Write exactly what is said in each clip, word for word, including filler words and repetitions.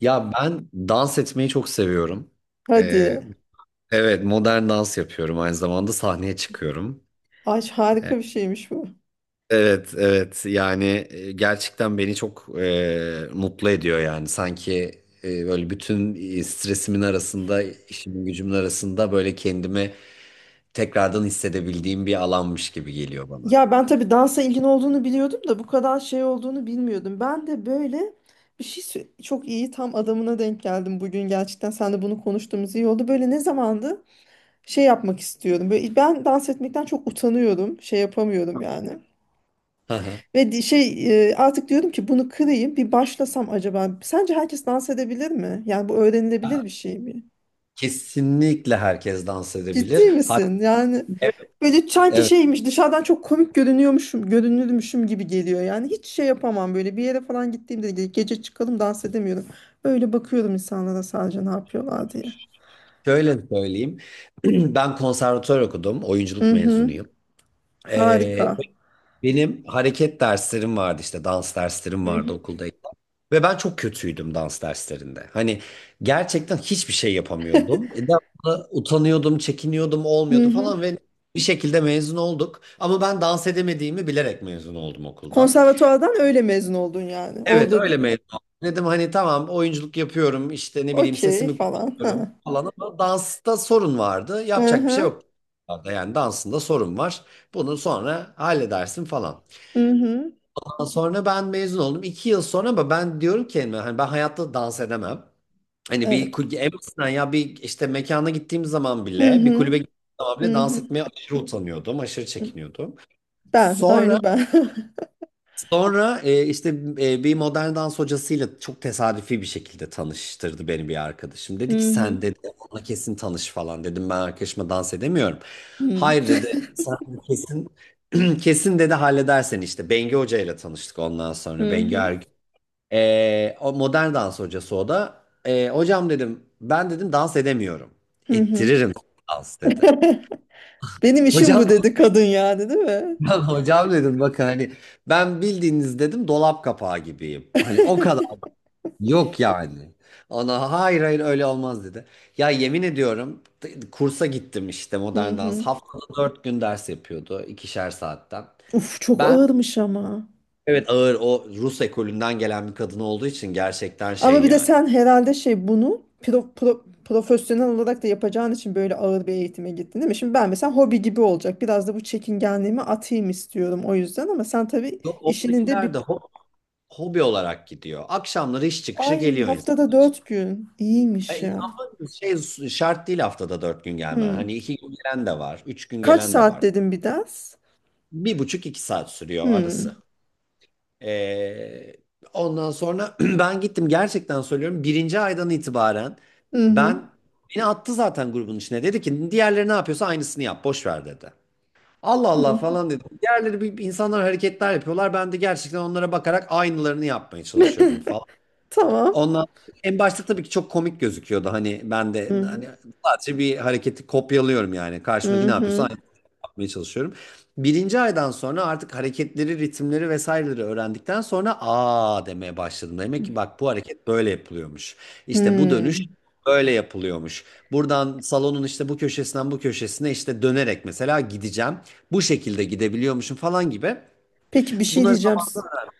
Ya ben dans etmeyi çok seviyorum. Ee, Hadi. evet, modern dans yapıyorum, aynı zamanda sahneye çıkıyorum. Ay Ee, harika bir şeymiş bu. Evet evet yani e, gerçekten beni çok e, mutlu ediyor yani sanki e, böyle bütün e, stresimin arasında, işimin gücümün arasında böyle kendimi tekrardan hissedebildiğim bir alanmış gibi geliyor bana. Ya ben tabii dansa ilgin olduğunu biliyordum da bu kadar şey olduğunu bilmiyordum. Ben de böyle bir şey sö- çok iyi tam adamına denk geldim bugün gerçekten. Sen de bunu konuştuğumuz iyi oldu. Böyle ne zamandı şey yapmak istiyorum. Böyle ben dans etmekten çok utanıyorum. Şey yapamıyorum yani. Hı hı. Ve di- şey e, artık diyorum ki bunu kırayım bir başlasam acaba. Sence herkes dans edebilir mi? Yani bu öğrenilebilir bir şey mi? Kesinlikle herkes dans Ciddi edebilir. Hatta misin? Yani evet böyle sanki evet, şeymiş dışarıdan çok komik görünüyormuşum, görünürmüşüm gibi geliyor. Yani hiç şey yapamam böyle bir yere falan gittiğimde ge- gece çıkalım dans edemiyorum. Öyle bakıyorum insanlara sadece ne yapıyorlar diye. şöyle söyleyeyim. Ben konservatuvar okudum. Oyunculuk Hı hı. mezunuyum. Ee, Harika. Benim hareket derslerim vardı, işte dans derslerim Hı vardı hı. okuldayken. Ve ben çok kötüydüm dans derslerinde. Hani gerçekten hiçbir şey yapamıyordum. E, Devamlı utanıyordum, çekiniyordum, Hı olmuyordu falan hı. ve bir şekilde mezun olduk. Ama ben dans edemediğimi bilerek mezun oldum okuldan. Konservatuvardan öyle mezun oldun yani. Evet, Orada di- öyle mezun oldum. Dedim hani tamam, oyunculuk yapıyorum işte, ne bileyim okey sesimi falan. kullanıyorum Ha. falan ama dansta sorun vardı. Hı Yapacak bir şey hı. yok. Yani dansında sorun var. Bunu sonra halledersin falan. Hı hı. Sonra ben mezun oldum. İki yıl sonra ama ben diyorum ki kendime, hani ben hayatta dans edemem. Hani bir Evet. kulübe, en basitinden ya bir işte mekana gittiğim zaman Hı bile, bir hı. kulübe gittiğim zaman bile Hı dans hı. etmeye aşırı utanıyordum. Aşırı çekiniyordum. Ben, Sonra aynı ben. sonra e, işte e, bir modern dans hocasıyla çok tesadüfi bir şekilde tanıştırdı beni bir arkadaşım. Dedi ki Hı hı. sen dedi, ona kesin tanış falan. Dedim ben arkadaşıma, dans edemiyorum. Hı Hayır hı. dedi, sen kesin kesin dedi halledersen işte. Bengi Hoca ile tanıştık ondan sonra. Hı Bengi hı. Ergün. Ee, o modern dans hocası o da. Ee, hocam dedim, ben dedim dans edemiyorum. Hı hı. Ettiririm dans dedi. Benim işim Hocam bu dedi kadın yani değil mi? hocam hocam dedim, bakın hani ben bildiğiniz dedim dolap kapağı gibiyim. Hani o kadar yok yani. Ona hayır hayır öyle olmaz dedi. Ya yemin ediyorum, t- kursa gittim işte Hı modern dans. hı. Haftada dört gün ders yapıyordu, ikişer saatten. Uf çok Ben ağırmış ama. evet ağır, o Rus ekolünden gelen bir kadın olduğu için gerçekten Ama şey bir de yani. sen herhalde şey bunu pro- pro- profesyonel olarak da yapacağın için böyle ağır bir eğitime gittin değil mi? Şimdi ben mesela hobi gibi olacak. Biraz da bu çekingenliğimi atayım istiyorum o yüzden ama sen tabii Yok, işinin de oradakiler bir de hobi olarak gidiyor. Akşamları iş çıkışı ay geliyor insan. haftada dört gün. E, İyiymiş ya. ama şey şart değil haftada dört gün gelmen. Hı. Hani iki gün gelen de var, üç gün Kaç gelen de saat var. dedim bir ders? Bir buçuk, iki saat sürüyor Hı. arası. E, Ondan sonra ben gittim, gerçekten söylüyorum. Birinci aydan itibaren Hı hı. ben beni attı zaten grubun içine. Dedi ki diğerleri ne yapıyorsa aynısını yap, boş ver dedi. Allah Allah Hı. falan dedim. Diğerleri bir insanlar hareketler yapıyorlar. Ben de gerçekten onlara bakarak aynılarını yapmaya çalışıyordum falan. Tamam. Ondan En başta tabii ki çok komik gözüküyordu. Hani ben de Hı hı. hani sadece bir hareketi kopyalıyorum yani. Hı Karşımdaki ne yapıyorsa hı. aynı yapmaya çalışıyorum. Birinci aydan sonra artık hareketleri, ritimleri vesaireleri öğrendikten sonra aa demeye başladım. Demek ki bak, bu hareket böyle yapılıyormuş. İşte bu Hı. dönüş böyle yapılıyormuş. Buradan salonun işte bu köşesinden bu köşesine işte dönerek mesela gideceğim. Bu şekilde gidebiliyormuşum falan gibi. Peki bir şey Bunları diyeceğim. zamanla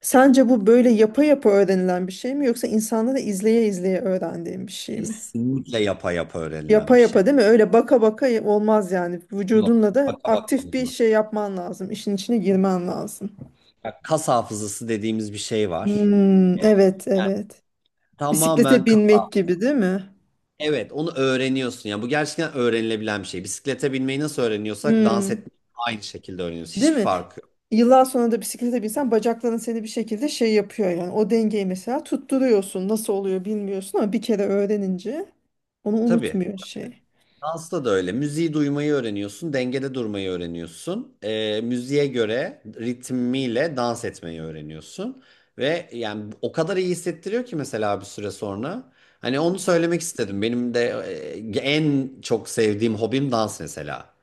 Sence bu böyle yapa yapa öğrenilen bir şey mi yoksa insanda da izleye izleye öğrendiğin bir şey mi? kesinlikle yapa yapa Yapa öğrenilen bir yapa şey. değil mi? Öyle baka baka y- olmaz yani. Yok. Vücudunla da Baka baka aktif bir şey olmaz. yapman lazım. İşin içine girmen lazım. Kas hafızası dediğimiz bir şey var. Hmm, evet evet. Bisiklete Tamamen kafa. binmek gibi değil mi? Evet, onu öğreniyorsun. Yani bu gerçekten öğrenilebilen bir şey. Bisiklete binmeyi nasıl öğreniyorsak dans Hmm, etmeyi aynı şekilde öğreniyoruz. değil Hiçbir mi? fark yok. Yıllar sonra da bisiklete binsen bacakların seni bir şekilde şey yapıyor yani. O dengeyi mesela tutturuyorsun. Nasıl oluyor bilmiyorsun ama bir kere öğrenince onu Tabii. unutmuyor şey. Dansta da öyle. Müziği duymayı öğreniyorsun, dengede durmayı öğreniyorsun. Ee, müziğe göre ritmiyle dans etmeyi öğreniyorsun. Ve yani o kadar iyi hissettiriyor ki mesela bir süre sonra. Hani onu söylemek istedim. Benim de e, en çok sevdiğim hobim dans mesela.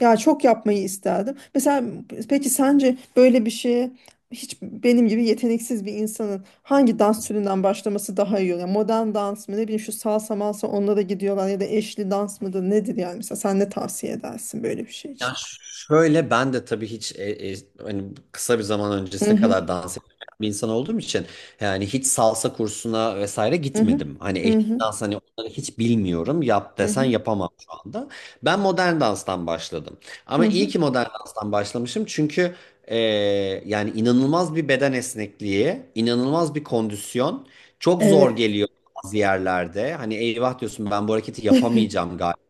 Ya çok yapmayı isterdim. Mesela peki sence böyle bir şeye hiç benim gibi yeteneksiz bir insanın hangi dans türünden başlaması daha iyi olur? Yani modern dans mı ne bileyim şu salsa malsa onlara gidiyorlar ya da eşli dans mıdır nedir yani mesela sen ne tavsiye edersin böyle bir şey Ya için? Ş- şöyle, ben de tabii hiç e, e, hani kısa bir zaman Hı öncesine hı kadar dans eden bir insan olduğum için yani hiç salsa kursuna vesaire hı hı gitmedim. Hani hı eşlik hı dans, hani onları hiç bilmiyorum. Yap hı desen hı. yapamam şu anda. Ben modern danstan başladım. Hı Ama iyi hı. ki modern danstan başlamışım çünkü e, yani inanılmaz bir beden esnekliği, inanılmaz bir kondisyon. Çok zor Evet. geliyor bazı yerlerde. Hani eyvah diyorsun, ben bu hareketi yapamayacağım galiba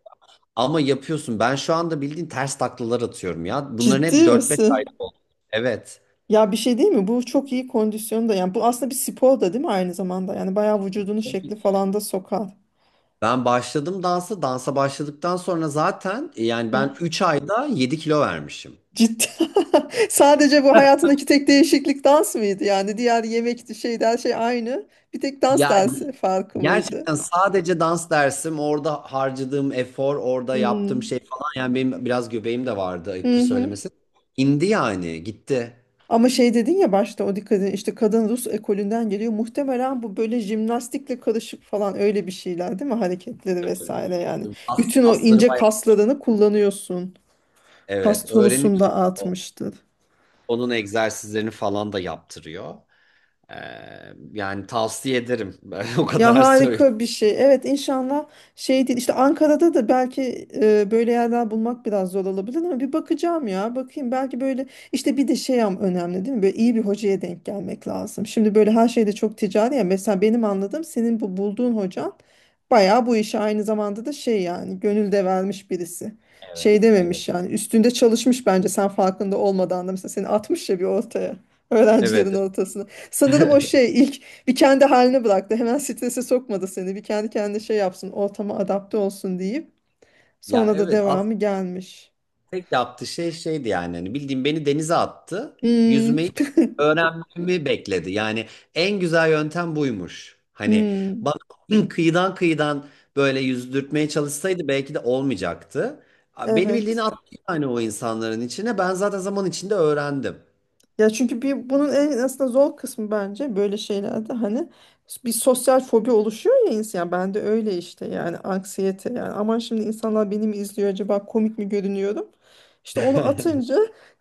ama yapıyorsun. Ben şu anda bildiğin ters taklalar atıyorum ya. Bunların Ciddi hep dört beş ayda misin? oldu. Evet. Ya bir şey değil mi? Bu çok iyi kondisyonda yani bu aslında bir spor da değil mi aynı zamanda? Yani bayağı vücudunu şekli falan da sokar. Ben başladım dansa. Dansa başladıktan sonra zaten e, yani ben üç ayda yedi kilo vermişim. Ciddi. Sadece bu hayatındaki tek değişiklik dans mıydı? Yani diğer yemekti, şeydi, her şey aynı. Bir tek dans Ya dersi farkı mıydı? gerçekten sadece dans dersim, orada harcadığım efor, orada yaptığım şey Hmm. falan, yani benim biraz göbeğim de vardı Hı ayıptır hı. söylemesi. İndi yani, gitti. Ama şey dedin ya başta o dikkat edin işte kadın Rus ekolünden geliyor. Muhtemelen bu böyle jimnastikle karışık falan öyle bir şeyler değil mi? Hareketleri vesaire yani. Kas, Bütün o kasları ince bayağı. kaslarını kullanıyorsun. Kas Evet tonusunda öğreniyorsun. artmıştır. Onun egzersizlerini falan da yaptırıyor. Ee, Yani tavsiye ederim. Ben o Ya kadar söyleyeyim. harika bir şey. Evet inşallah şey değil. İşte Ankara'da da belki e, böyle yerler bulmak biraz zor olabilir ama bir bakacağım ya. Bakayım belki böyle işte bir de şey am- önemli değil mi? Böyle iyi bir hocaya denk gelmek lazım. Şimdi böyle her şeyde çok ticari ya. Mesela benim anladığım senin bu bulduğun hocan bayağı bu işe aynı zamanda da şey yani gönül de vermiş birisi. Evet, Şey dememiş evet. yani üstünde çalışmış bence sen farkında olmadan da mesela seni atmış ya bir ortaya. Öğrencilerin Evet. ortasına. Sanırım o şey bir kendi haline bıraktı. Hemen strese sokmadı seni. Bir kendi kendine şey yapsın, ortama adapte olsun deyip Ya sonra da evet, aslında devamı gelmiş. tek yaptığı şey şeydi, yani hani bildiğim beni denize attı. Hmm. Yüzmeyi öğrenmemi bekledi. Yani en güzel yöntem buymuş. Hani Hmm. bana kıyıdan kıyıdan böyle yüzdürtmeye çalışsaydı belki de olmayacaktı. A- Beni bildiğini Evet. attı yani o insanların içine. Ben zaten zaman içinde öğrendim. Ya çünkü bir bunun en aslında zor kısmı bence böyle şeylerde hani bir sosyal fobi oluşuyor ya insan. Ben de öyle işte yani anksiyete yani aman şimdi insanlar beni mi izliyor acaba komik mi görünüyorum? İşte onu atınca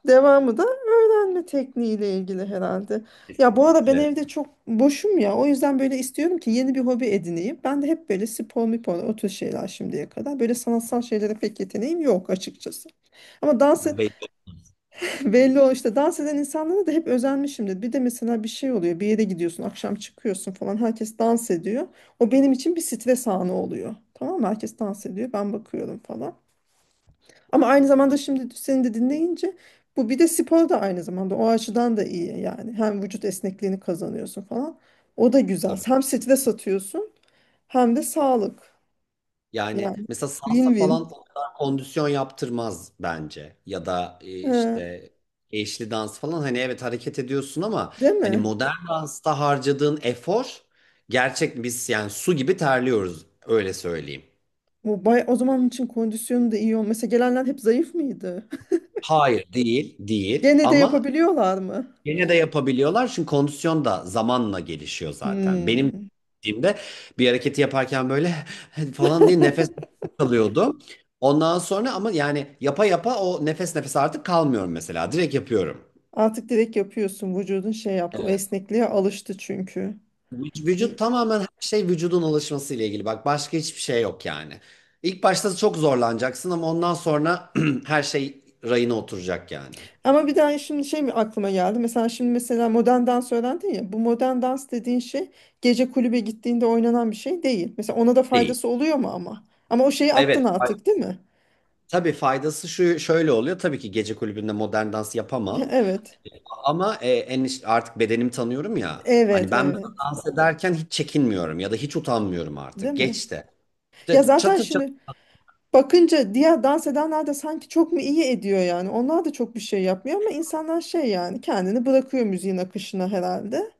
devamı da öğrenme tekniğiyle ilgili herhalde. Ya bu ara ben Kesinlikle. evde çok boşum ya o yüzden böyle istiyorum ki yeni bir hobi edineyim. Ben de hep böyle spor mipor o tür şeyler şimdiye kadar. Böyle sanatsal şeylere pek yeteneğim yok açıkçası. Ama dans. Ya belli. Belli o işte dans eden insanlara da hep özenmişimdir. Bir de mesela bir şey oluyor. Bir yere gidiyorsun, akşam çıkıyorsun falan. Herkes dans ediyor. O benim için bir stres anı oluyor. Tamam mı? Herkes dans ediyor. Ben bakıyorum falan. Ama aynı zamanda şimdi seni de dinleyince bu bir de spor da aynı zamanda o açıdan da iyi yani. Hem vücut esnekliğini kazanıyorsun falan. O da güzel. Hem stres atıyorsun hem de sağlık. Yani Yani mesela salsa falan win-win. o kadar kondisyon yaptırmaz bence. Ya da e, Ee, işte eşli dans falan, hani evet hareket ediyorsun ama değil hani mi? modern dansta harcadığın efor gerçek, biz yani su gibi terliyoruz öyle söyleyeyim. Bu bay o zaman için kondisyonu da iyi olmasa gelenler hep zayıf mıydı? Hayır, değil değil Gene de ama yapabiliyorlar mı? yine de yapabiliyorlar çünkü kondisyon da zamanla gelişiyor zaten. Benim Hmm. dediğimde bir hareketi yaparken böyle falan diye nefes kalıyordu. Ondan sonra ama yani yapa yapa o nefes nefese artık kalmıyorum mesela. Direkt yapıyorum. Artık direkt yapıyorsun. Vücudun şey yaptı. O esnekliğe alıştı çünkü. Vü- Vücut İyi. tamamen, her şey vücudun alışması ile ilgili. Bak başka hiçbir şey yok yani. İlk başta çok zorlanacaksın ama ondan sonra her şey rayına oturacak yani. Ama bir daha şimdi şey mi aklıma geldi. Mesela şimdi mesela modern dans öğrendin ya. Bu modern dans dediğin şey gece kulübe gittiğinde oynanan bir şey değil. Mesela ona da Değil. faydası oluyor mu ama? Ama o şeyi attın Evet. Ay- artık değil mi? Tabii faydası şu, şöyle oluyor. Tabii ki gece kulübünde modern dans yapamam. Evet. Ama e, en iş- artık bedenimi tanıyorum ya. Hani Evet, ben mesela evet. dans ederken hiç çekinmiyorum ya da hiç utanmıyorum Değil artık. mi? Geçti. Ya İşte zaten çatır şimdi çatır. bakınca diğer dans edenler de sanki çok mu iyi ediyor yani. Onlar da çok bir şey yapmıyor ama insanlar şey yani kendini bırakıyor müziğin akışına herhalde.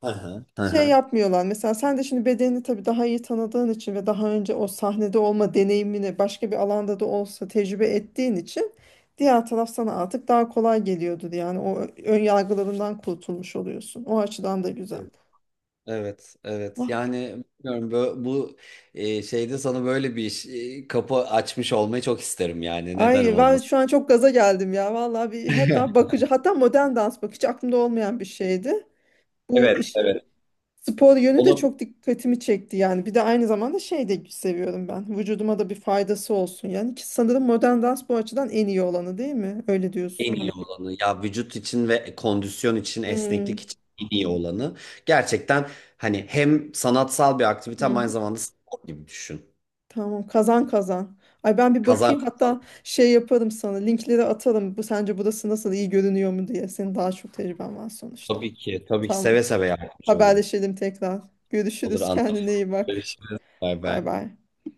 Hı hı, hı Şey hı. yapmıyorlar. Mesela sen de şimdi bedenini tabii daha iyi tanıdığın için ve daha önce o sahnede olma deneyimini başka bir alanda da olsa tecrübe ettiğin için diğer taraf sana artık daha kolay geliyordur. Yani o ön yargılarından kurtulmuş oluyorsun. O açıdan da güzel. Evet, evet. Vah. Yani bilmiyorum, bu, bu e, şeyde sana böyle bir iş, e, kapı açmış olmayı çok isterim yani. Neden Ay ben olmasın? şu an çok gaza geldim ya. Vallahi bir hatta bakıcı hatta modern dans bakıcı aklımda olmayan bir şeydi. Bu Evet, işin evet. spor yönü de Onu çok dikkatimi çekti yani. Bir de aynı zamanda şey de seviyorum ben. Vücuduma da bir faydası olsun yani. Ki sanırım modern dans bu açıdan en iyi olanı değil mi? Öyle en diyorsun. iyi olanı ya, vücut için ve kondisyon için, esneklik Hmm. için en iyi olanı gerçekten. Hani hem sanatsal bir aktivite Hı ama aynı hı. zamanda spor gibi düşün. Tamam kazan kazan. Ay ben bir Kazan bakayım hatta şey yaparım sana linkleri atarım. Bu sence burası nasıl iyi görünüyor mu diye. Senin daha çok tecrüben var sonuçta. tabii ki. Tabii ki Tamam. seve seve yardımcı olurum. Haberleşelim tekrar. Olur, Görüşürüz. Kendine iyi bak. anlatırız. Bay Bay bay. bay.